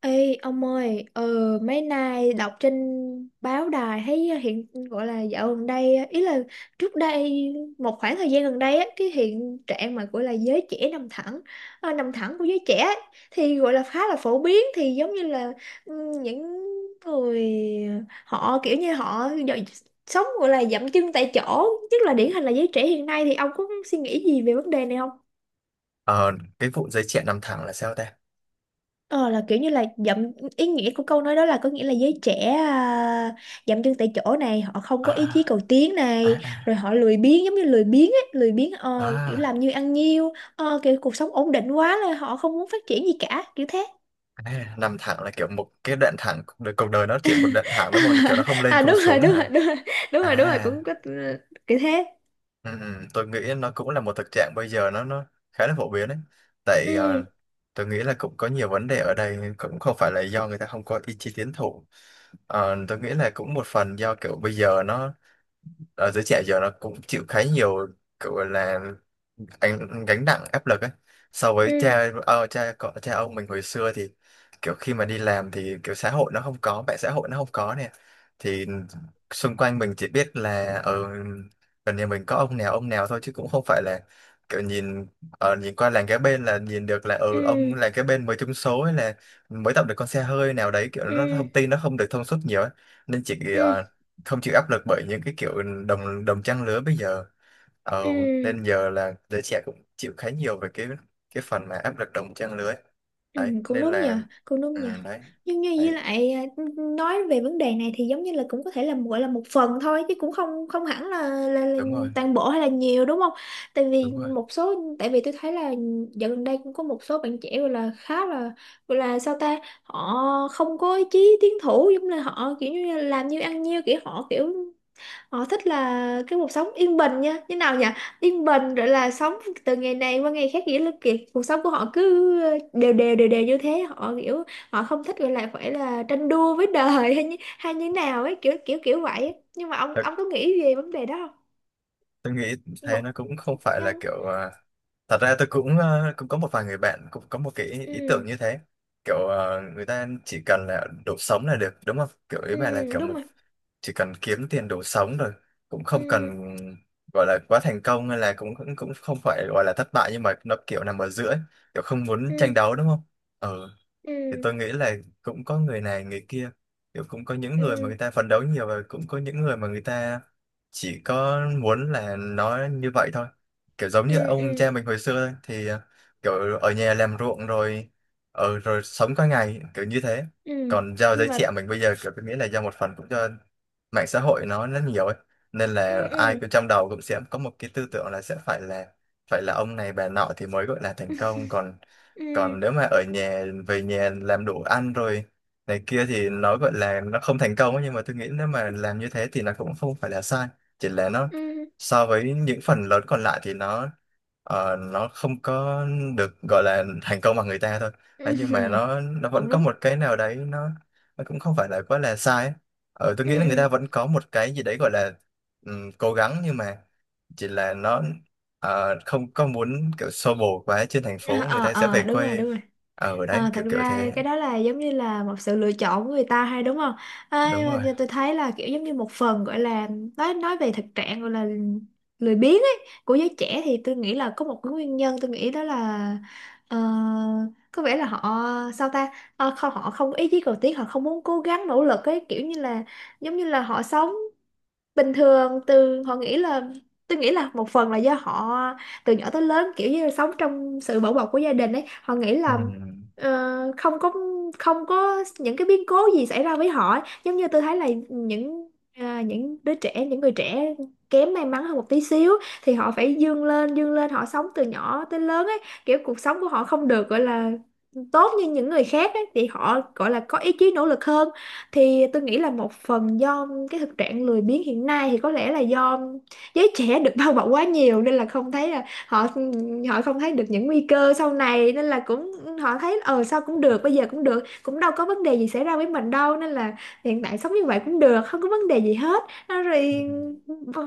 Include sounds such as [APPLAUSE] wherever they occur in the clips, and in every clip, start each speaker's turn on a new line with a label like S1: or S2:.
S1: Ê ông ơi, mấy nay đọc trên báo đài thấy, hiện gọi là dạo gần đây, ý là trước đây một khoảng thời gian gần đây á, cái hiện trạng mà gọi là giới trẻ nằm thẳng, nằm thẳng của giới trẻ ấy, thì gọi là khá là phổ biến, thì giống như là những người, ờ, họ kiểu như họ sống gọi là dậm chân tại chỗ, nhất là điển hình là giới trẻ hiện nay. Thì ông có suy nghĩ gì về vấn đề này không?
S2: Ờ, cái vụ giấy chuyện nằm thẳng là sao ta?
S1: Ờ là kiểu như là ý nghĩa của câu nói đó là có nghĩa là giới trẻ à, dậm chân tại chỗ này, họ không có ý chí
S2: À,
S1: cầu tiến
S2: à,
S1: này,
S2: à,
S1: rồi họ lười biếng, giống như lười biếng ấy, lười biếng, kiểu
S2: à,
S1: làm như ăn nhiêu, kiểu cuộc sống ổn định quá là họ không muốn phát triển gì cả, kiểu thế.
S2: à, à, nằm thẳng là kiểu một cái đoạn thẳng, cuộc đời nó chỉ một đoạn thẳng đúng không? Kiểu nó không
S1: [LAUGHS]
S2: lên
S1: À,
S2: không
S1: đúng rồi
S2: xuống
S1: đúng
S2: hả?
S1: rồi đúng rồi, đúng rồi đúng rồi,
S2: À,
S1: cũng có. Ờ, Kiểu thế.
S2: ừ, ừ, tôi nghĩ nó cũng là một thực trạng bây giờ nó khá là phổ biến đấy. Tại
S1: Ừ
S2: tôi nghĩ là cũng có nhiều vấn đề ở đây cũng không phải là do người ta không có ý chí tiến thủ. Tôi nghĩ là cũng một phần do kiểu bây giờ nó ở giới trẻ giờ nó cũng chịu khá nhiều kiểu gọi là anh gánh nặng áp lực ấy so với
S1: ừ
S2: cha ờ, cha cọ cha ông mình hồi xưa thì kiểu khi mà đi làm thì kiểu xã hội nó không có mạng xã hội nó không có nè, thì xung quanh mình chỉ biết là ở gần nhà mình có ông nào thôi chứ cũng không phải là kiểu nhìn ở nhìn qua làng kế bên là nhìn được là ừ
S1: ừ
S2: ông làng kế bên mới trúng số hay là mới tập được con xe hơi nào đấy kiểu nó
S1: ừ
S2: thông tin nó không được thông suốt nhiều ấy. Nên chỉ
S1: ừ ừ
S2: không chịu áp lực bởi những cái kiểu đồng đồng trang lứa bây giờ ờ,
S1: ừ.
S2: nên giờ là giới trẻ cũng chịu khá nhiều về cái phần mà áp lực đồng trang lứa ấy.
S1: Ừ,
S2: Đấy
S1: cũng
S2: nên
S1: đúng
S2: là
S1: nhờ, cũng đúng
S2: ừ,
S1: nhờ.
S2: đấy
S1: Nhưng như với
S2: đấy
S1: lại à, nói về vấn đề này thì giống như là cũng có thể là gọi là một phần thôi, chứ cũng không không hẳn là
S2: đúng rồi
S1: toàn bộ hay là nhiều, đúng không? Tại vì
S2: đúng rồi.
S1: một số, tại vì tôi thấy là dạo gần đây cũng có một số bạn trẻ gọi là khá là, gọi là sao ta, họ không có ý chí tiến thủ, giống như là họ kiểu như là làm như ăn nhiêu, kiểu họ kiểu họ thích là cái cuộc sống yên bình nha. Như nào nhỉ? Yên bình rồi là sống từ ngày này qua ngày khác. Nghĩa là kiểu cuộc sống của họ cứ đều đều đều đều như thế. Họ kiểu họ không thích gọi là phải là tranh đua với đời hay như nào ấy. Kiểu kiểu kiểu vậy ấy. Nhưng mà
S2: Thật,
S1: ông có nghĩ về vấn đề đó không?
S2: tôi nghĩ thế
S1: Một
S2: nó cũng không phải là
S1: nhân,
S2: thật ra tôi cũng có một vài người bạn cũng có một cái ý tưởng
S1: ừ,
S2: như thế người ta chỉ cần là đủ sống là được đúng không kiểu ý
S1: ừ,
S2: bạn là kiểu
S1: đúng
S2: một
S1: rồi.
S2: chỉ cần kiếm tiền đủ sống rồi cũng không
S1: Ừ,
S2: cần gọi là quá thành công hay là cũng cũng cũng không phải gọi là thất bại nhưng mà nó kiểu nằm ở giữa ấy. Kiểu không muốn tranh
S1: ừ,
S2: đấu đúng không ờ
S1: ừ,
S2: thì tôi nghĩ là cũng có người này người kia kiểu cũng có những người mà
S1: ừ,
S2: người ta phấn đấu nhiều và cũng có những người mà người ta chỉ có muốn là nó như vậy thôi kiểu giống như
S1: ừ,
S2: ông
S1: ừ,
S2: cha mình hồi xưa thôi, thì kiểu ở nhà làm ruộng rồi ở rồi sống qua ngày kiểu như thế.
S1: ừ.
S2: Còn do
S1: Nhưng
S2: giới
S1: mà
S2: trẻ mình bây giờ kiểu tôi nghĩ là do một phần cũng do mạng xã hội nó rất nhiều ấy nên
S1: ừ,
S2: là ai
S1: ừ,
S2: cũng trong đầu cũng sẽ có một cái tư tưởng là sẽ phải là ông này bà nọ thì mới gọi là thành công còn
S1: ừ,
S2: còn nếu mà ở nhà về nhà làm đồ ăn rồi này kia thì nó gọi là nó không thành công ấy, nhưng mà tôi nghĩ nếu mà làm như thế thì nó cũng không phải là sai chỉ là nó
S1: ừ,
S2: so với những phần lớn còn lại thì nó nó không có được gọi là thành công bằng người ta thôi. Đấy,
S1: ừ.
S2: nhưng mà
S1: [LAUGHS]
S2: nó vẫn
S1: Cũng
S2: có
S1: đúng.
S2: một cái nào đấy nó cũng không phải là quá là sai ấy. Ờ, tôi nghĩ
S1: Ừ,
S2: là người ta
S1: ừ.
S2: vẫn có một cái gì đấy gọi là cố gắng nhưng mà chỉ là nó không có muốn kiểu xô bồ quá trên thành phố người
S1: Ờ,
S2: ta sẽ về
S1: ờ, đúng rồi,
S2: quê
S1: đúng rồi.
S2: ở đấy
S1: Ờ,
S2: kiểu
S1: thật
S2: kiểu
S1: ra
S2: thế.
S1: cái đó là giống như là một sự lựa chọn của người ta hay, đúng không? À,
S2: Đúng
S1: nhưng
S2: rồi,
S1: mà tôi thấy là kiểu giống như một phần gọi là nói về thực trạng gọi là lười biếng ấy của giới trẻ, thì tôi nghĩ là có một cái nguyên nhân. Tôi nghĩ đó là, ờ, có vẻ là họ, sao ta. Ờ, không, họ không có ý chí cầu tiến, họ không muốn cố gắng nỗ lực ấy, kiểu như là giống như là họ sống bình thường, từ họ nghĩ là tôi nghĩ là một phần là do họ từ nhỏ tới lớn kiểu như là sống trong sự bảo bọc của gia đình ấy. Họ nghĩ
S2: ừ.
S1: là ờ, không có không có những cái biến cố gì xảy ra với họ ấy. Giống như tôi thấy là những, à, những đứa trẻ, những người trẻ kém may mắn hơn một tí xíu, thì họ phải vươn lên, vươn lên, họ sống từ nhỏ tới lớn ấy, kiểu cuộc sống của họ không được gọi là tốt như những người khác ấy, thì họ gọi là có ý chí nỗ lực hơn. Thì tôi nghĩ là một phần do cái thực trạng lười biếng hiện nay thì có lẽ là do giới trẻ được bao bọc quá nhiều, nên là không thấy là họ, họ không thấy được những nguy cơ sau này, nên là cũng họ thấy, ờ sao cũng được, bây giờ cũng được, cũng đâu có vấn đề gì xảy ra với mình đâu, nên là hiện tại sống như vậy cũng được, không có vấn đề gì hết. Nó
S2: Ừ.
S1: rồi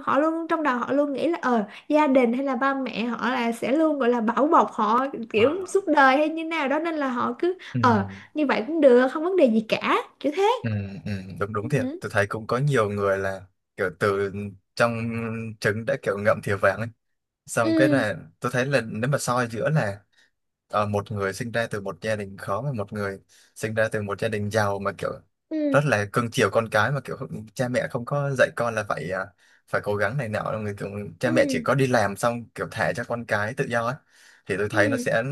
S1: họ luôn trong đầu họ luôn nghĩ là, ờ gia đình hay là ba mẹ họ là sẽ luôn gọi là bảo bọc họ kiểu
S2: Ờ.
S1: suốt đời hay như nào đó, nên là họ cứ
S2: Ừ.
S1: ờ như vậy cũng được, không vấn đề gì cả, kiểu thế.
S2: Ừ. Ừ. đúng đúng thiệt
S1: Ừ
S2: tôi thấy cũng có nhiều người là kiểu từ trong trứng đã kiểu ngậm thìa vàng xong cái
S1: ừ
S2: là tôi thấy là nếu mà soi giữa là một người sinh ra từ một gia đình khó và một người sinh ra từ một gia đình giàu mà kiểu
S1: ừ
S2: rất là cưng chiều con cái mà kiểu cha mẹ không có dạy con là phải cố gắng này nọ người kiểu cha mẹ chỉ
S1: ừ
S2: có đi làm xong kiểu thả cho con cái tự do ấy. Thì tôi thấy nó
S1: ừ
S2: sẽ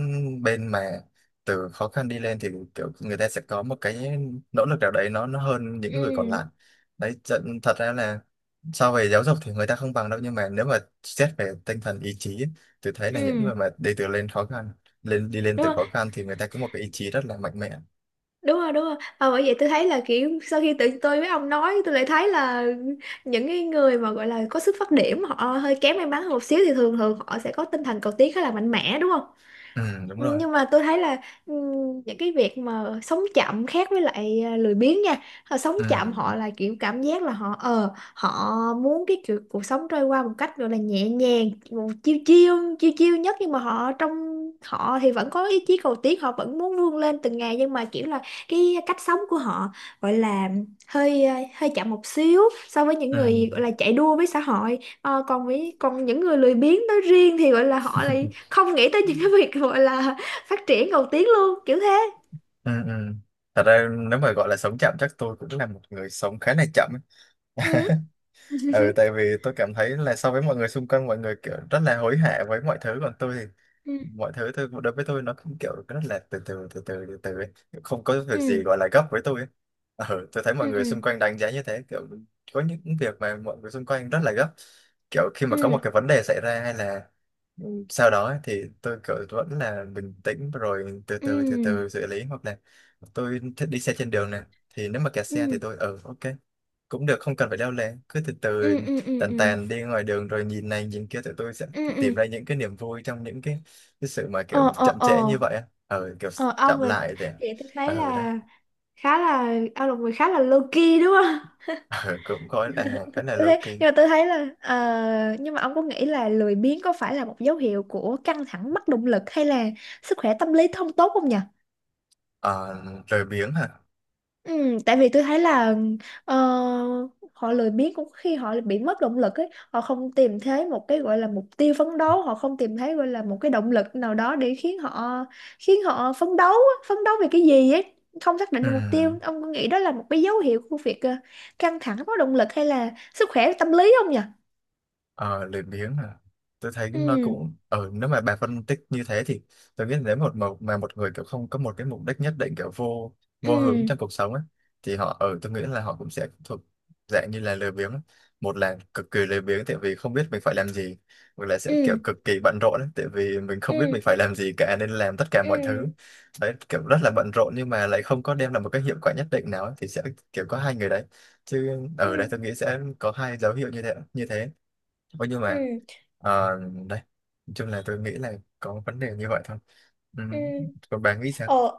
S2: bên mà từ khó khăn đi lên thì kiểu người ta sẽ có một cái nỗ lực nào đấy nó hơn những người còn lại.
S1: ừ
S2: Đấy thật thật ra là so về giáo dục thì người ta không bằng đâu nhưng mà nếu mà xét về tinh thần ý chí ấy, tôi thấy là những
S1: ừ.
S2: người mà đi từ lên khó khăn lên đi lên
S1: Đúng
S2: từ
S1: rồi
S2: khó khăn thì người ta có một cái ý chí rất là mạnh mẽ.
S1: đúng rồi đúng rồi. Ờ, bởi vậy tôi thấy là kiểu sau khi tự tôi với ông nói, tôi lại thấy là những cái người mà gọi là có sức phát điểm họ hơi kém may mắn hơn một xíu thì thường thường họ sẽ có tinh thần cầu tiến khá là mạnh mẽ, đúng không?
S2: Ừ, đúng
S1: Ừ,
S2: rồi,
S1: nhưng mà tôi thấy là ừ, những cái việc mà sống chậm khác với lại à, lười biếng nha. Họ sống
S2: ừ,
S1: chậm, họ là kiểu cảm giác là họ, ờ họ muốn cái kiểu cuộc sống trôi qua một cách gọi là nhẹ nhàng một chiêu chiêu chiêu chiêu nhất, nhưng mà họ trong họ thì vẫn có ý chí cầu tiến, họ vẫn muốn vươn lên từng ngày, nhưng mà kiểu là cái cách sống của họ gọi là hơi à, hơi chậm một xíu so với những
S2: ừ,
S1: người gọi là chạy đua với xã hội. Ờ, còn với, còn những người lười biếng nói riêng thì gọi là họ lại không nghĩ tới những cái việc gọi là phát triển, cầu tiến luôn, kiểu thế.
S2: ừ, ừ. Thật ra nếu mà gọi là sống chậm chắc tôi cũng là một người sống khá là chậm ấy.
S1: Ừ. [LAUGHS]
S2: Ừ, tại vì tôi cảm thấy là so với mọi người xung quanh mọi người kiểu rất là hối hả với mọi thứ còn tôi thì
S1: Ừ
S2: mọi thứ tôi đối với tôi nó cũng kiểu rất là từ từ từ từ từ từ ấy. Không có việc
S1: ừ
S2: gì gọi là gấp với tôi ấy. Ờ, tôi thấy mọi người xung quanh đánh giá như thế kiểu có những việc mà mọi người xung quanh rất là gấp kiểu khi mà có một
S1: ừ
S2: cái vấn đề xảy ra hay là sau đó ấy, thì tôi kiểu vẫn là bình tĩnh rồi từ từ từ
S1: ừ
S2: từ xử lý hoặc là tôi thích đi xe trên đường này thì nếu mà kẹt xe
S1: ừ
S2: thì tôi ừ ok cũng được không cần phải leo lén cứ từ từ
S1: ừ ừ ừ ừ
S2: tàn
S1: ừ
S2: tàn đi ngoài đường rồi nhìn này nhìn kia tụi tôi sẽ
S1: ừ ừ.
S2: tìm ra những cái niềm vui trong những cái sự mà kiểu
S1: Ờ ờ
S2: chậm
S1: ờ.
S2: trễ như vậy á kiểu
S1: Ờ, ông
S2: chậm
S1: là,
S2: lại để
S1: vậy tôi thấy
S2: đấy
S1: là khá là, ông là một người khá là low key, đúng không?
S2: ờ, cũng có là khá là
S1: Tôi
S2: low
S1: thấy,
S2: key.
S1: nhưng mà tôi thấy là, nhưng mà ông có nghĩ là lười biếng có phải là một dấu hiệu của căng thẳng, mất động lực hay là sức khỏe tâm lý không tốt không nhỉ?
S2: ờ, lười biếng hả?
S1: Ừ, tại vì tôi thấy là, ờ, họ lười biếng cũng khi họ bị mất động lực ấy, họ không tìm thấy một cái gọi là mục tiêu phấn đấu, họ không tìm thấy gọi là một cái động lực nào đó để khiến họ, khiến họ phấn đấu á, phấn đấu về cái gì ấy, không xác định
S2: Ừ.
S1: được mục tiêu. Ông có nghĩ đó là một cái dấu hiệu của việc căng thẳng, có động lực hay là sức khỏe tâm lý không nhỉ?
S2: Ờ, lười biếng à. Tôi thấy nó
S1: Ừ
S2: cũng nếu mà bà phân tích như thế thì tôi nghĩ nếu một một mà một người kiểu không có một cái mục đích nhất định kiểu vô vô hướng
S1: ừ
S2: trong cuộc sống ấy thì họ ở tôi nghĩ là họ cũng sẽ thuộc dạng như là lười biếng ấy. Một là cực kỳ lười biếng tại vì không biết mình phải làm gì hoặc là sẽ
S1: ừ
S2: kiểu cực kỳ bận rộn ấy, tại vì mình không biết
S1: ừ
S2: mình phải làm gì cả nên làm tất cả
S1: ừ
S2: mọi thứ đấy kiểu rất là bận rộn nhưng mà lại không có đem lại một cái hiệu quả nhất định nào ấy, thì sẽ kiểu có hai người đấy chứ ở đây
S1: ừ
S2: tôi nghĩ sẽ có hai dấu hiệu như thế như thế. Ôi, nhưng mà
S1: ừ
S2: ờ, đây nói chung là tôi nghĩ là có vấn đề như vậy thôi ừ.
S1: ừ.
S2: Còn bà nghĩ sao?
S1: Ờ,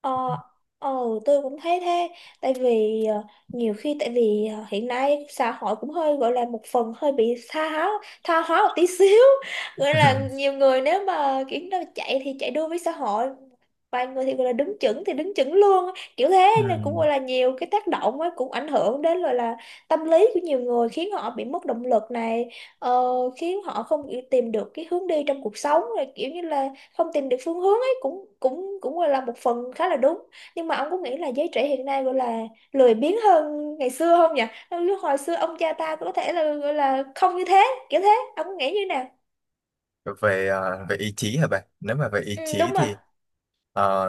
S1: ờ, ờ, tôi cũng thấy thế. Tại vì nhiều khi tại vì hiện nay xã hội cũng hơi gọi là một phần hơi bị tha hóa một tí xíu. [LAUGHS] Gọi là
S2: [LAUGHS]
S1: nhiều người nếu mà kiểu nó chạy thì chạy đua với xã hội. Vài người thì gọi là đứng chững thì đứng chững luôn á. Kiểu thế nên cũng
S2: ừ.
S1: gọi là nhiều cái tác động ấy, cũng ảnh hưởng đến gọi là tâm lý của nhiều người, khiến họ bị mất động lực này, ờ, khiến họ không kiểu tìm được cái hướng đi trong cuộc sống, rồi kiểu như là không tìm được phương hướng ấy, cũng cũng cũng là một phần khá là đúng. Nhưng mà ông có nghĩ là giới trẻ hiện nay gọi là lười biếng hơn ngày xưa không nhỉ? Lúc hồi xưa ông cha ta có thể là gọi là không như thế, kiểu thế. Ông có nghĩ như nào?
S2: Về về ý chí hả bạn? Nếu mà về ý
S1: Ừ,
S2: chí
S1: đúng rồi.
S2: thì ờ,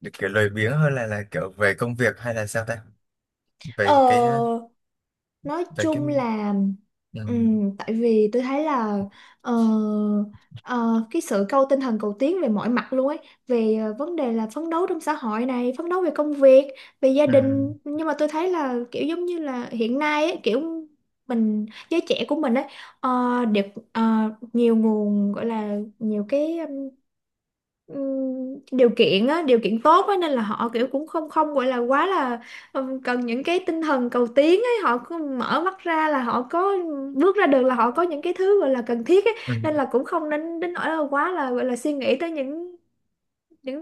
S2: được kiểu lười biếng hơn là kiểu về công việc hay là sao ta về
S1: Ờ,
S2: cái
S1: nói
S2: về cái
S1: chung là
S2: ừ.
S1: tại vì tôi thấy là, ờ, ờ, cái sự cầu tinh thần cầu tiến về mọi mặt luôn ấy, về vấn đề là phấn đấu trong xã hội này, phấn đấu về công việc, về gia
S2: Ừ.
S1: đình, nhưng mà tôi thấy là kiểu giống như là hiện nay ấy, kiểu mình giới trẻ của mình ấy, đều ờ, nhiều nguồn gọi là nhiều cái điều kiện á, điều kiện tốt á, nên là họ kiểu cũng không không gọi là quá là cần những cái tinh thần cầu tiến ấy, họ cứ mở mắt ra là họ có, bước ra được là họ có những cái thứ gọi là cần thiết ấy,
S2: Ừ.
S1: nên là cũng không nên đến nỗi là quá là gọi là suy nghĩ tới những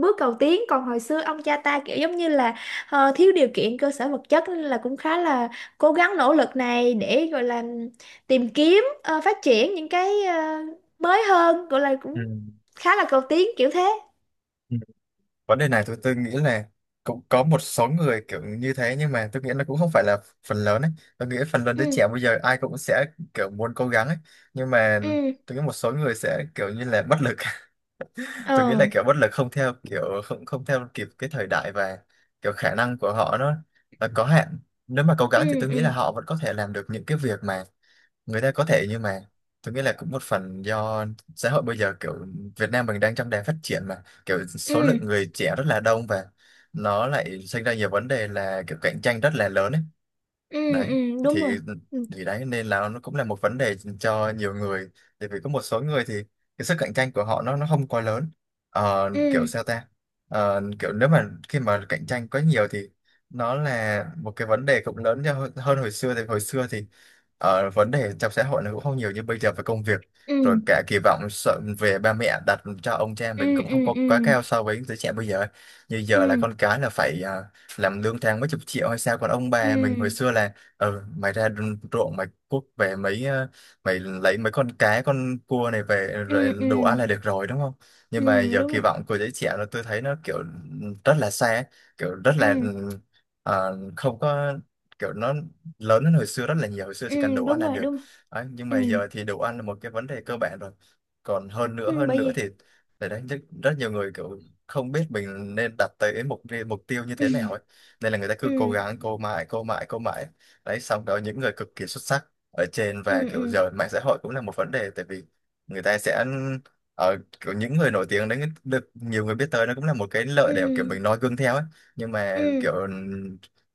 S1: bước cầu tiến. Còn hồi xưa ông cha ta kiểu giống như là thiếu điều kiện cơ sở vật chất, nên là cũng khá là cố gắng nỗ lực này để gọi là tìm kiếm, phát triển những cái mới hơn, gọi là
S2: Ừ.
S1: cũng khá là cầu tiến, kiểu thế.
S2: ừ. Vấn đề này tôi nghĩ là cũng có một số người kiểu như thế nhưng mà tôi nghĩ nó cũng không phải là phần lớn ấy tôi nghĩ phần lớn đứa
S1: Ừ
S2: trẻ bây giờ ai cũng sẽ kiểu muốn cố gắng ấy nhưng mà
S1: ừ
S2: tôi nghĩ một số người sẽ kiểu như là bất lực. [LAUGHS] Tôi nghĩ
S1: ờ
S2: là kiểu bất lực không theo kiểu không không theo kịp cái thời đại và kiểu khả năng của họ nó là có hạn nếu mà cố gắng thì
S1: ừ
S2: tôi nghĩ là
S1: ừ
S2: họ vẫn có thể làm được những cái việc mà người ta có thể nhưng mà tôi nghĩ là cũng một phần do xã hội bây giờ kiểu Việt Nam mình đang trong đà phát triển mà kiểu số lượng
S1: ừ
S2: người trẻ rất là đông và nó lại sinh ra nhiều vấn đề là kiểu cạnh tranh rất là lớn ấy.
S1: ừ
S2: Đấy
S1: ừ. Đúng
S2: thì
S1: rồi. Ừ
S2: thì đấy nên là nó cũng là một vấn đề cho nhiều người tại vì có một số người thì cái sức cạnh tranh của họ nó không quá lớn. Ờ, kiểu
S1: ừ
S2: sao ta. Ờ, kiểu nếu mà khi mà cạnh tranh quá nhiều thì nó là một cái vấn đề cũng lớn cho hơn hơn hồi xưa thì vấn đề trong xã hội nó cũng không nhiều như bây giờ về công việc
S1: ừ
S2: rồi cả kỳ vọng sợ về ba mẹ đặt cho ông cha mình
S1: ừ
S2: cũng không
S1: ừ
S2: có
S1: ừ
S2: quá cao so với giới trẻ bây giờ như giờ là
S1: ừ
S2: con cái là làm lương tháng mấy chục triệu hay sao còn ông bà mình hồi
S1: ừ
S2: xưa là Ờ, mày ra đồng ruộng mày cuốc về mày lấy mấy con cá con cua này về rồi
S1: ừ ừ
S2: đủ ăn là được rồi đúng không
S1: ừ,
S2: nhưng mà giờ
S1: đúng
S2: kỳ
S1: rồi.
S2: vọng của giới trẻ là tôi thấy nó kiểu rất là xa ấy, kiểu rất là
S1: Ừ
S2: không có kiểu nó lớn hơn hồi xưa rất là nhiều hồi xưa
S1: ừ,
S2: chỉ cần đủ ăn
S1: đúng
S2: là
S1: rồi
S2: được.
S1: đúng rồi.
S2: Đấy, nhưng
S1: Ừ
S2: mà giờ thì đủ ăn là một cái vấn đề cơ bản rồi còn
S1: ừ,
S2: hơn
S1: bởi
S2: nữa thì
S1: vì
S2: để đấy rất, rất nhiều người kiểu không biết mình nên đặt tới mục mục tiêu như thế nào ấy
S1: ừ
S2: nên là người ta cứ cố
S1: ừ
S2: gắng cố mãi cố mãi cố mãi đấy xong đó những người cực kỳ xuất sắc ở trên
S1: ừ
S2: và kiểu
S1: ừ
S2: giờ mạng xã hội cũng là một vấn đề tại vì người ta sẽ ở kiểu những người nổi tiếng đấy được nhiều người biết tới nó cũng là một cái lợi
S1: ừ
S2: để kiểu mình noi gương theo ấy nhưng
S1: ừ
S2: mà kiểu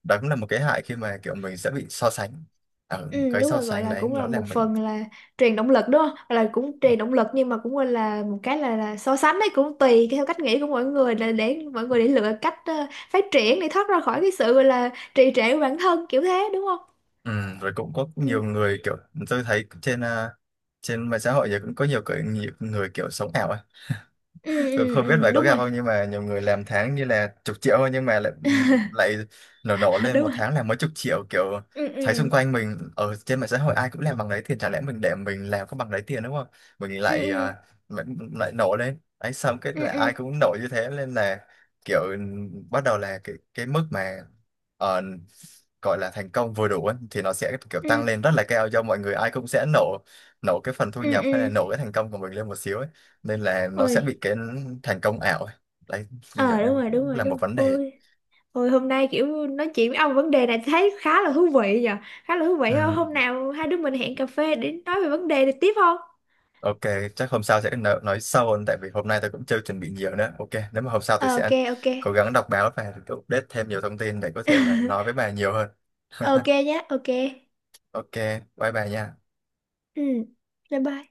S2: đó cũng là một cái hại khi mà kiểu mình sẽ bị so sánh ở
S1: ừ,
S2: cái
S1: đúng
S2: so
S1: rồi gọi
S2: sánh
S1: là
S2: đấy
S1: cũng là
S2: nó
S1: một
S2: làm mình
S1: phần là truyền động lực, đúng không? Là cũng truyền động lực nhưng mà cũng gọi là một cái là so sánh đấy, cũng tùy theo cách nghĩ của mọi người là để mọi người để lựa cách phát triển để thoát ra khỏi cái sự gọi là trì trệ của bản thân, kiểu thế, đúng không?
S2: ừ, rồi cũng có
S1: Ừ
S2: nhiều người kiểu tôi thấy trên mạng xã hội giờ cũng có nhiều, cái, nhiều người kiểu sống ảo ấy.
S1: ừ
S2: Tôi
S1: ừ
S2: không biết bạn
S1: ừ,
S2: có
S1: đúng
S2: gặp
S1: rồi.
S2: không nhưng mà nhiều người làm tháng như là chục triệu thôi nhưng mà lại lại nổ nổ
S1: [LAUGHS]
S2: lên
S1: Đúng
S2: một
S1: rồi.
S2: tháng là mấy chục triệu kiểu
S1: Ừ
S2: thấy xung
S1: ừ
S2: quanh mình ở trên mạng xã hội ai cũng làm bằng đấy tiền chả lẽ mình để mình làm có bằng đấy tiền đúng không mình
S1: ừ ừ
S2: lại, lại nổ lên ấy xong cái
S1: ừ
S2: là
S1: ừ
S2: ai cũng nổ như thế nên là kiểu bắt đầu là cái mức mà ờ, gọi là thành công vừa đủ ấy, thì nó sẽ kiểu
S1: ừ
S2: tăng lên rất là cao do mọi người ai cũng sẽ nổ nổ cái phần thu
S1: ừ
S2: nhập hay
S1: ừ.
S2: là nổ cái thành công của mình lên một xíu ấy nên là nó
S1: Ôi.
S2: sẽ bị cái thành công ảo ấy. Đấy liệu
S1: Ờ
S2: đây
S1: đúng rồi đúng
S2: cũng
S1: rồi
S2: là
S1: đúng
S2: một
S1: rồi.
S2: vấn đề
S1: Ôi, thôi hôm nay kiểu nói chuyện với ông vấn đề này thấy khá là thú vị nhờ. Khá là thú
S2: ừ.
S1: vị. Hôm nào hai đứa mình hẹn cà phê để nói về vấn đề này tiếp không?
S2: Ok, chắc hôm sau sẽ nói sâu hơn tại vì hôm nay tôi cũng chưa chuẩn bị nhiều nữa ok nếu mà hôm sau tôi
S1: Ờ, ok
S2: sẽ
S1: ok.
S2: cố gắng đọc báo và tôi update thêm nhiều thông tin để có thể mà nói với
S1: [LAUGHS]
S2: bà nhiều hơn.
S1: Ok
S2: [LAUGHS]
S1: nhé, ok.
S2: Ok bye bà nha.
S1: Ừ. Bye bye.